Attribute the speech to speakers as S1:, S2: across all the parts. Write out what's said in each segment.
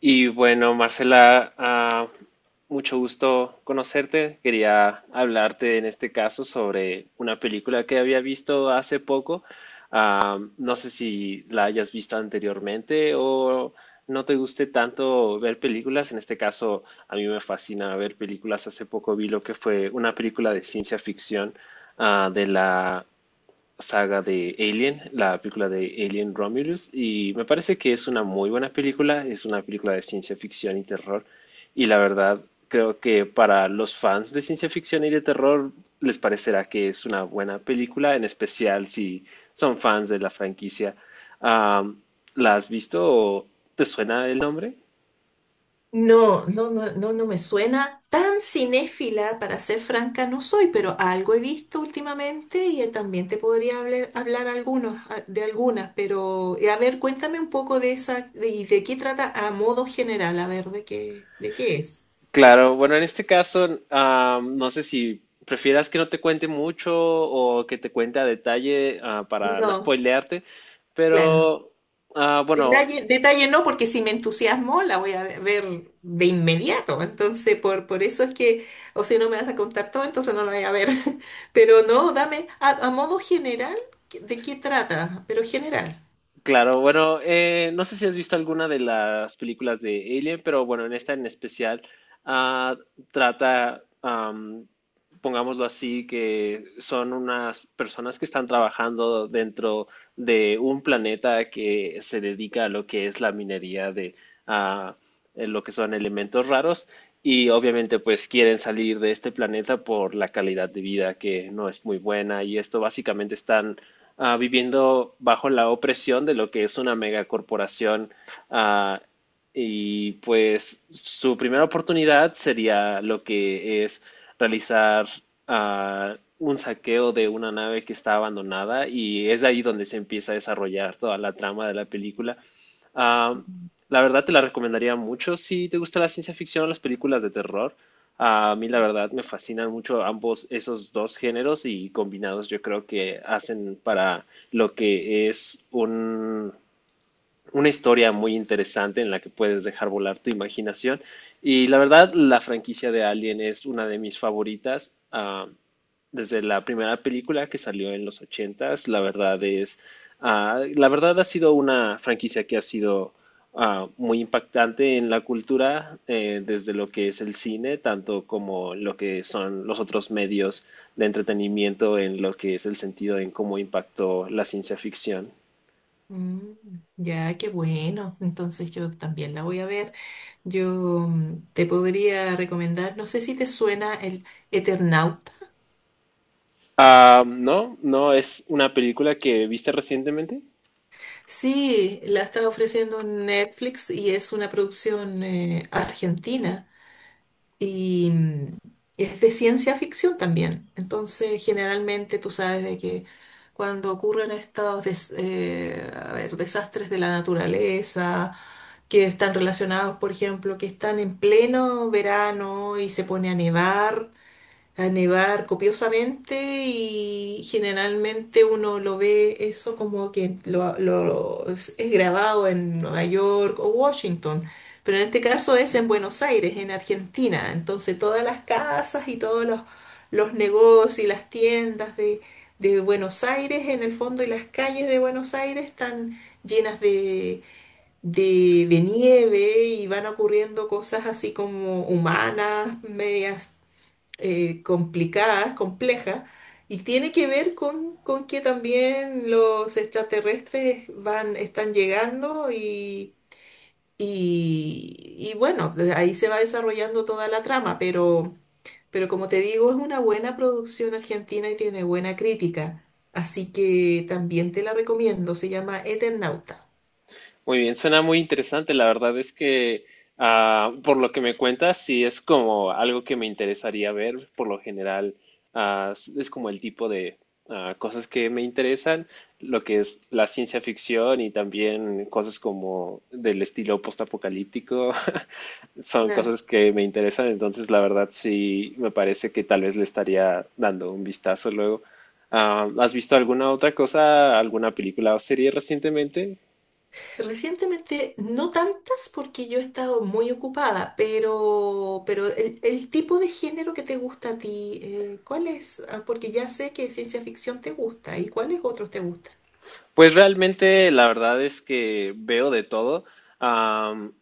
S1: Y bueno, Marcela, mucho gusto conocerte. Quería hablarte en este caso sobre una película que había visto hace poco. No sé si la hayas visto anteriormente o no te guste tanto ver películas. En este caso, a mí me fascina ver películas. Hace poco vi lo que fue una película de ciencia ficción de la saga de Alien, la película de Alien Romulus, y me parece que es una muy buena película, es una película de ciencia ficción y terror, y la verdad creo que para los fans de ciencia ficción y de terror les parecerá que es una buena película, en especial si son fans de la franquicia. Am, ¿La has visto o te suena el nombre?
S2: No, no, no, no, no me suena tan cinéfila, para ser franca, no soy, pero algo he visto últimamente y también te podría hablar, de algunas, pero a ver, cuéntame un poco de esa, y de qué trata a modo general, a ver, de qué es.
S1: Claro, bueno, en este caso, no sé si prefieras que no te cuente mucho o que te cuente a detalle para no
S2: No,
S1: spoilearte,
S2: claro.
S1: pero bueno,
S2: Detalle, detalle no, porque si me entusiasmo la voy a ver de inmediato. Entonces, por eso es que, o si no me vas a contar todo, entonces no la voy a ver. Pero no, dame, a modo general, ¿de qué trata? Pero general.
S1: claro, bueno, no sé si has visto alguna de las películas de Alien, pero bueno, en esta en especial ah, trata, pongámoslo así, que son unas personas que están trabajando dentro de un planeta que se dedica a lo que es la minería de ah, lo que son elementos raros y obviamente pues quieren salir de este planeta por la calidad de vida que no es muy buena y esto básicamente están viviendo bajo la opresión de lo que es una megacorporación. ah, y pues su primera oportunidad sería lo que es realizar un saqueo de una nave que está abandonada y es ahí donde se empieza a desarrollar toda la trama de la película. Ah, la verdad te la recomendaría mucho si te gusta la ciencia ficción o las películas de terror. A mí la verdad me fascinan mucho ambos esos dos géneros y combinados yo creo que hacen para lo que es un una historia muy interesante en la que puedes dejar volar tu imaginación. Y la verdad, la franquicia de Alien es una de mis favoritas. Desde la primera película que salió en los ochentas, la verdad es, la verdad ha sido una franquicia que ha sido muy impactante en la cultura, desde lo que es el cine, tanto como lo que son los otros medios de entretenimiento, en lo que es el sentido en cómo impactó la ciencia ficción.
S2: Mm, ya, qué bueno. Entonces yo también la voy a ver. Yo te podría recomendar, no sé si te suena el Eternauta.
S1: Ah, no, no, es una película que viste recientemente.
S2: Sí, la está ofreciendo Netflix y es una producción argentina. Y es de ciencia ficción también. Entonces, generalmente tú sabes de que cuando ocurren a ver, desastres de la naturaleza, que están relacionados, por ejemplo, que están en pleno verano y se pone a nevar copiosamente y generalmente uno lo ve eso como que es grabado en Nueva York o Washington, pero en este caso es en Buenos Aires, en Argentina. Entonces todas las casas y los negocios y las tiendas de Buenos Aires en el fondo y las calles de Buenos Aires están llenas de nieve y van ocurriendo cosas así como humanas, medias complicadas, complejas, y tiene que ver con que también los extraterrestres van, están llegando y bueno, de ahí se va desarrollando toda la trama, pero como te digo, es una buena producción argentina y tiene buena crítica, así que también te la recomiendo, se llama Eternauta.
S1: Muy bien, suena muy interesante. La verdad es que, por lo que me cuentas, sí es como algo que me interesaría ver. Por lo general, es como el tipo de cosas que me interesan, lo que es la ciencia ficción y también cosas como del estilo postapocalíptico. Son
S2: Claro.
S1: cosas que me interesan, entonces la verdad sí me parece que tal vez le estaría dando un vistazo luego. ¿Has visto alguna otra cosa, alguna película o serie recientemente?
S2: Recientemente, no tantas porque yo he estado muy ocupada, pero el tipo de género que te gusta a ti, ¿cuál es? Ah, porque ya sé que ciencia ficción te gusta, ¿y cuáles otros te gustan?
S1: Pues realmente la verdad es que veo de todo. Am,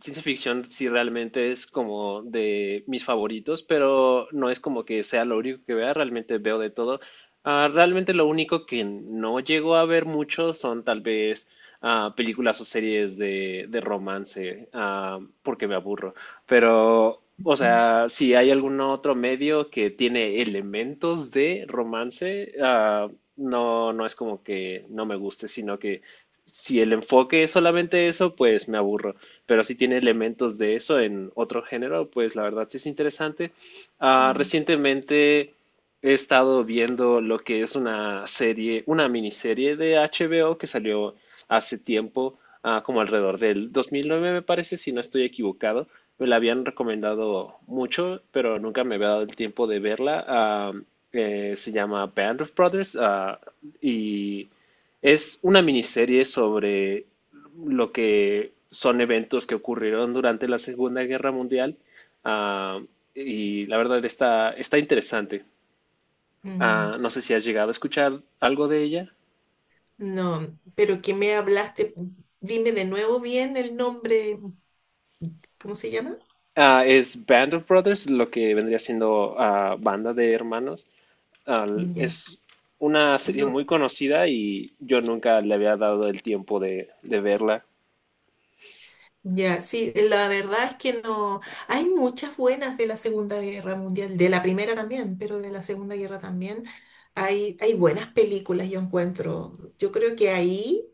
S1: Ciencia ficción sí realmente es como de mis favoritos, pero no es como que sea lo único que vea, realmente veo de todo. Realmente lo único que no llego a ver mucho son tal vez películas o series de romance, porque me aburro. Pero, o sea, si hay algún otro medio que tiene elementos de romance, no, no es como que no me guste, sino que si el enfoque es solamente eso, pues me aburro, pero sí tiene elementos de eso en otro género, pues la verdad sí es interesante.
S2: Mm.
S1: Recientemente he estado viendo lo que es una serie, una miniserie de HBO que salió hace tiempo, como alrededor del 2009 me parece, si no estoy equivocado. Me la habían recomendado mucho, pero nunca me había dado el tiempo de verla. Se llama Band of Brothers, y es una miniserie sobre lo que son eventos que ocurrieron durante la Segunda Guerra Mundial. Ah, y la verdad está interesante.
S2: Mm.
S1: No sé si has llegado a escuchar algo de ella.
S2: No, pero que me hablaste, dime de nuevo bien el nombre, ¿cómo se llama?
S1: Ah, es Band of Brothers, lo que vendría siendo Banda de Hermanos. Ah,
S2: Ya.
S1: es una serie
S2: No,
S1: muy conocida y yo nunca le había dado el tiempo de verla.
S2: ya, sí, la verdad es que no. Hay muchas buenas de la Segunda Guerra Mundial, de la primera también, pero de la Segunda Guerra también. Hay buenas películas, yo encuentro. Yo creo que ahí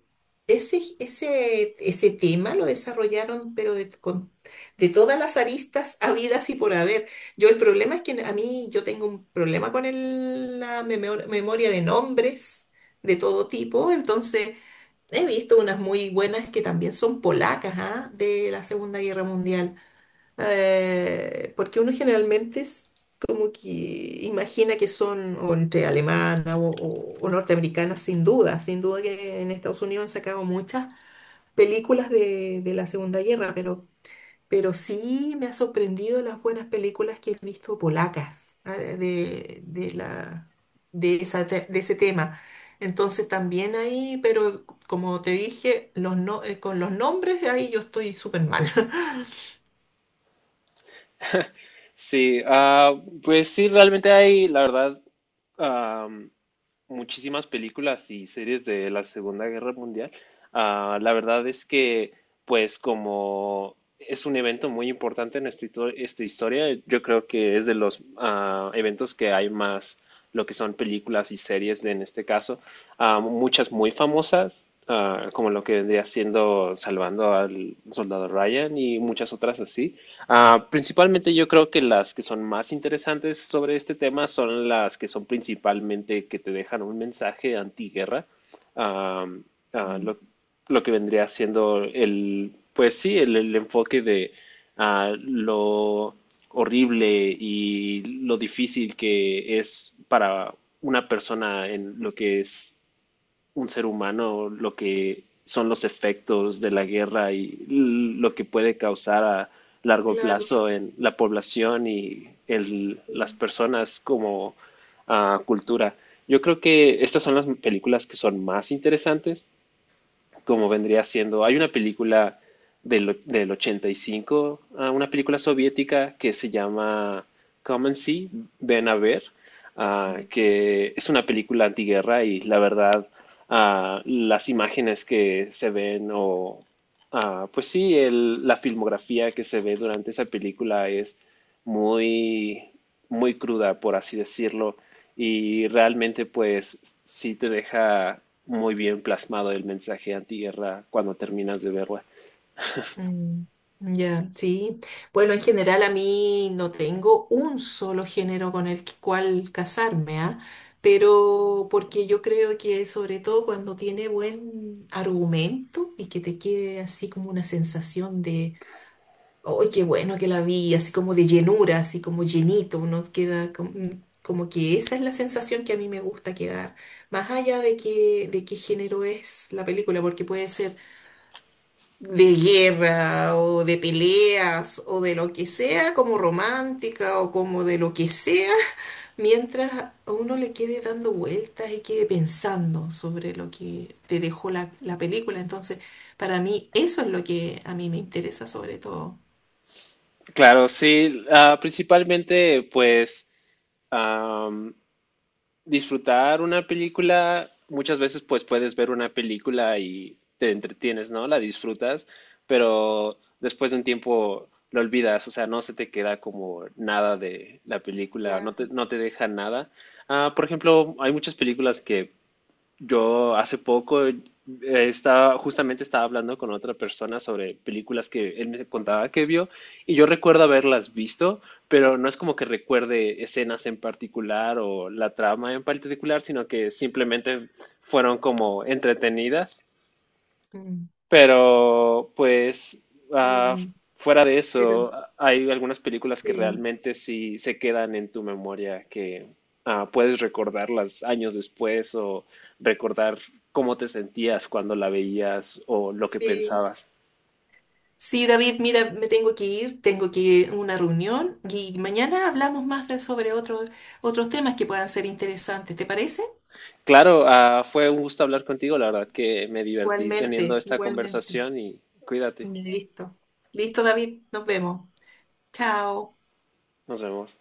S2: ese tema lo desarrollaron, pero de todas las aristas habidas y por haber. Yo el problema es que a mí yo tengo un problema con memoria de nombres de todo tipo, entonces. He visto unas muy buenas que también son polacas, ¿ah? De la Segunda Guerra Mundial. Porque uno generalmente es como que imagina que son o entre alemana o norteamericana, sin duda. Sin duda que en Estados Unidos han sacado muchas películas de la Segunda Guerra, pero sí me ha sorprendido las buenas películas que he visto polacas esa de ese tema. Entonces también ahí, pero como te dije, los no- con los nombres ahí yo estoy súper mal.
S1: Sí, pues sí, realmente hay, la verdad, am, muchísimas películas y series de la Segunda Guerra Mundial. La verdad es que, pues como es un evento muy importante en esta, esta historia, yo creo que es de los eventos que hay más, lo que son películas y series de- en este caso, muchas muy famosas, como lo que vendría siendo Salvando al Soldado Ryan y muchas otras así. Principalmente yo creo que las que son más interesantes sobre este tema son las que son principalmente que te dejan un mensaje antiguerra, ah, ah,
S2: Mm.
S1: lo, lo que vendría siendo pues sí, el enfoque de lo horrible y lo difícil que es para una persona en lo que es un ser humano lo que son los efectos de la guerra y lo que puede causar a largo
S2: Claro.
S1: plazo en la población y el, las
S2: Sí.
S1: personas como cultura. Yo creo que estas son las películas que son más interesantes como vendría siendo, hay una película del 85, una película soviética que se llama Come and See, Ven a ver, que es una película antiguerra y la verdad las imágenes que se ven o pues sí, la filmografía que se ve durante esa película es muy, muy cruda, por así decirlo, y realmente pues sí te deja muy bien plasmado el mensaje antiguerra cuando terminas de verla.
S2: Mm, ya, sí. Bueno, en general a mí no tengo un solo género con cual casarme, ¿ah? Pero porque yo creo que sobre todo cuando tiene buen argumento y que te quede así como una sensación de, ¡ay, qué bueno que la vi! Así como de llenura, así como llenito, uno queda como, que esa es la sensación que a mí me gusta quedar, más allá de que, de qué género es la película, porque puede ser de guerra o de peleas o de lo que sea, como romántica o como de lo que sea, mientras a uno le quede dando vueltas y quede pensando sobre lo que te dejó la película. Entonces, para mí, eso es lo que a mí me interesa sobre todo.
S1: Claro, sí, principalmente pues am, disfrutar una película, muchas veces pues puedes ver una película y te entretienes, ¿no? La disfrutas, pero después de un tiempo lo olvidas, o sea, no se te queda como nada de la película, no te,
S2: Claro.
S1: no te deja nada. Por ejemplo, hay muchas películas que yo hace poco justamente estaba hablando con otra persona sobre películas que él me contaba que vio y yo recuerdo haberlas visto, pero no es como que recuerde escenas en particular o la trama en particular, sino que simplemente fueron como entretenidas,
S2: Mm,
S1: pero, pues, ah,
S2: mm,
S1: fuera de
S2: pero
S1: eso, hay algunas películas que
S2: sí,
S1: realmente sí se quedan en tu memoria, que puedes recordarlas años después o recordar cómo te sentías cuando la veías o lo que
S2: sí.
S1: pensabas.
S2: Sí, David, mira, me tengo que ir a una reunión y mañana hablamos sobre otros temas que puedan ser interesantes, ¿te parece?
S1: Claro, fue un gusto hablar contigo, la verdad que me divertí teniendo
S2: Igualmente,
S1: esta
S2: igualmente.
S1: conversación y cuídate,
S2: Listo. Listo, David, nos vemos. Chao.
S1: nos vemos.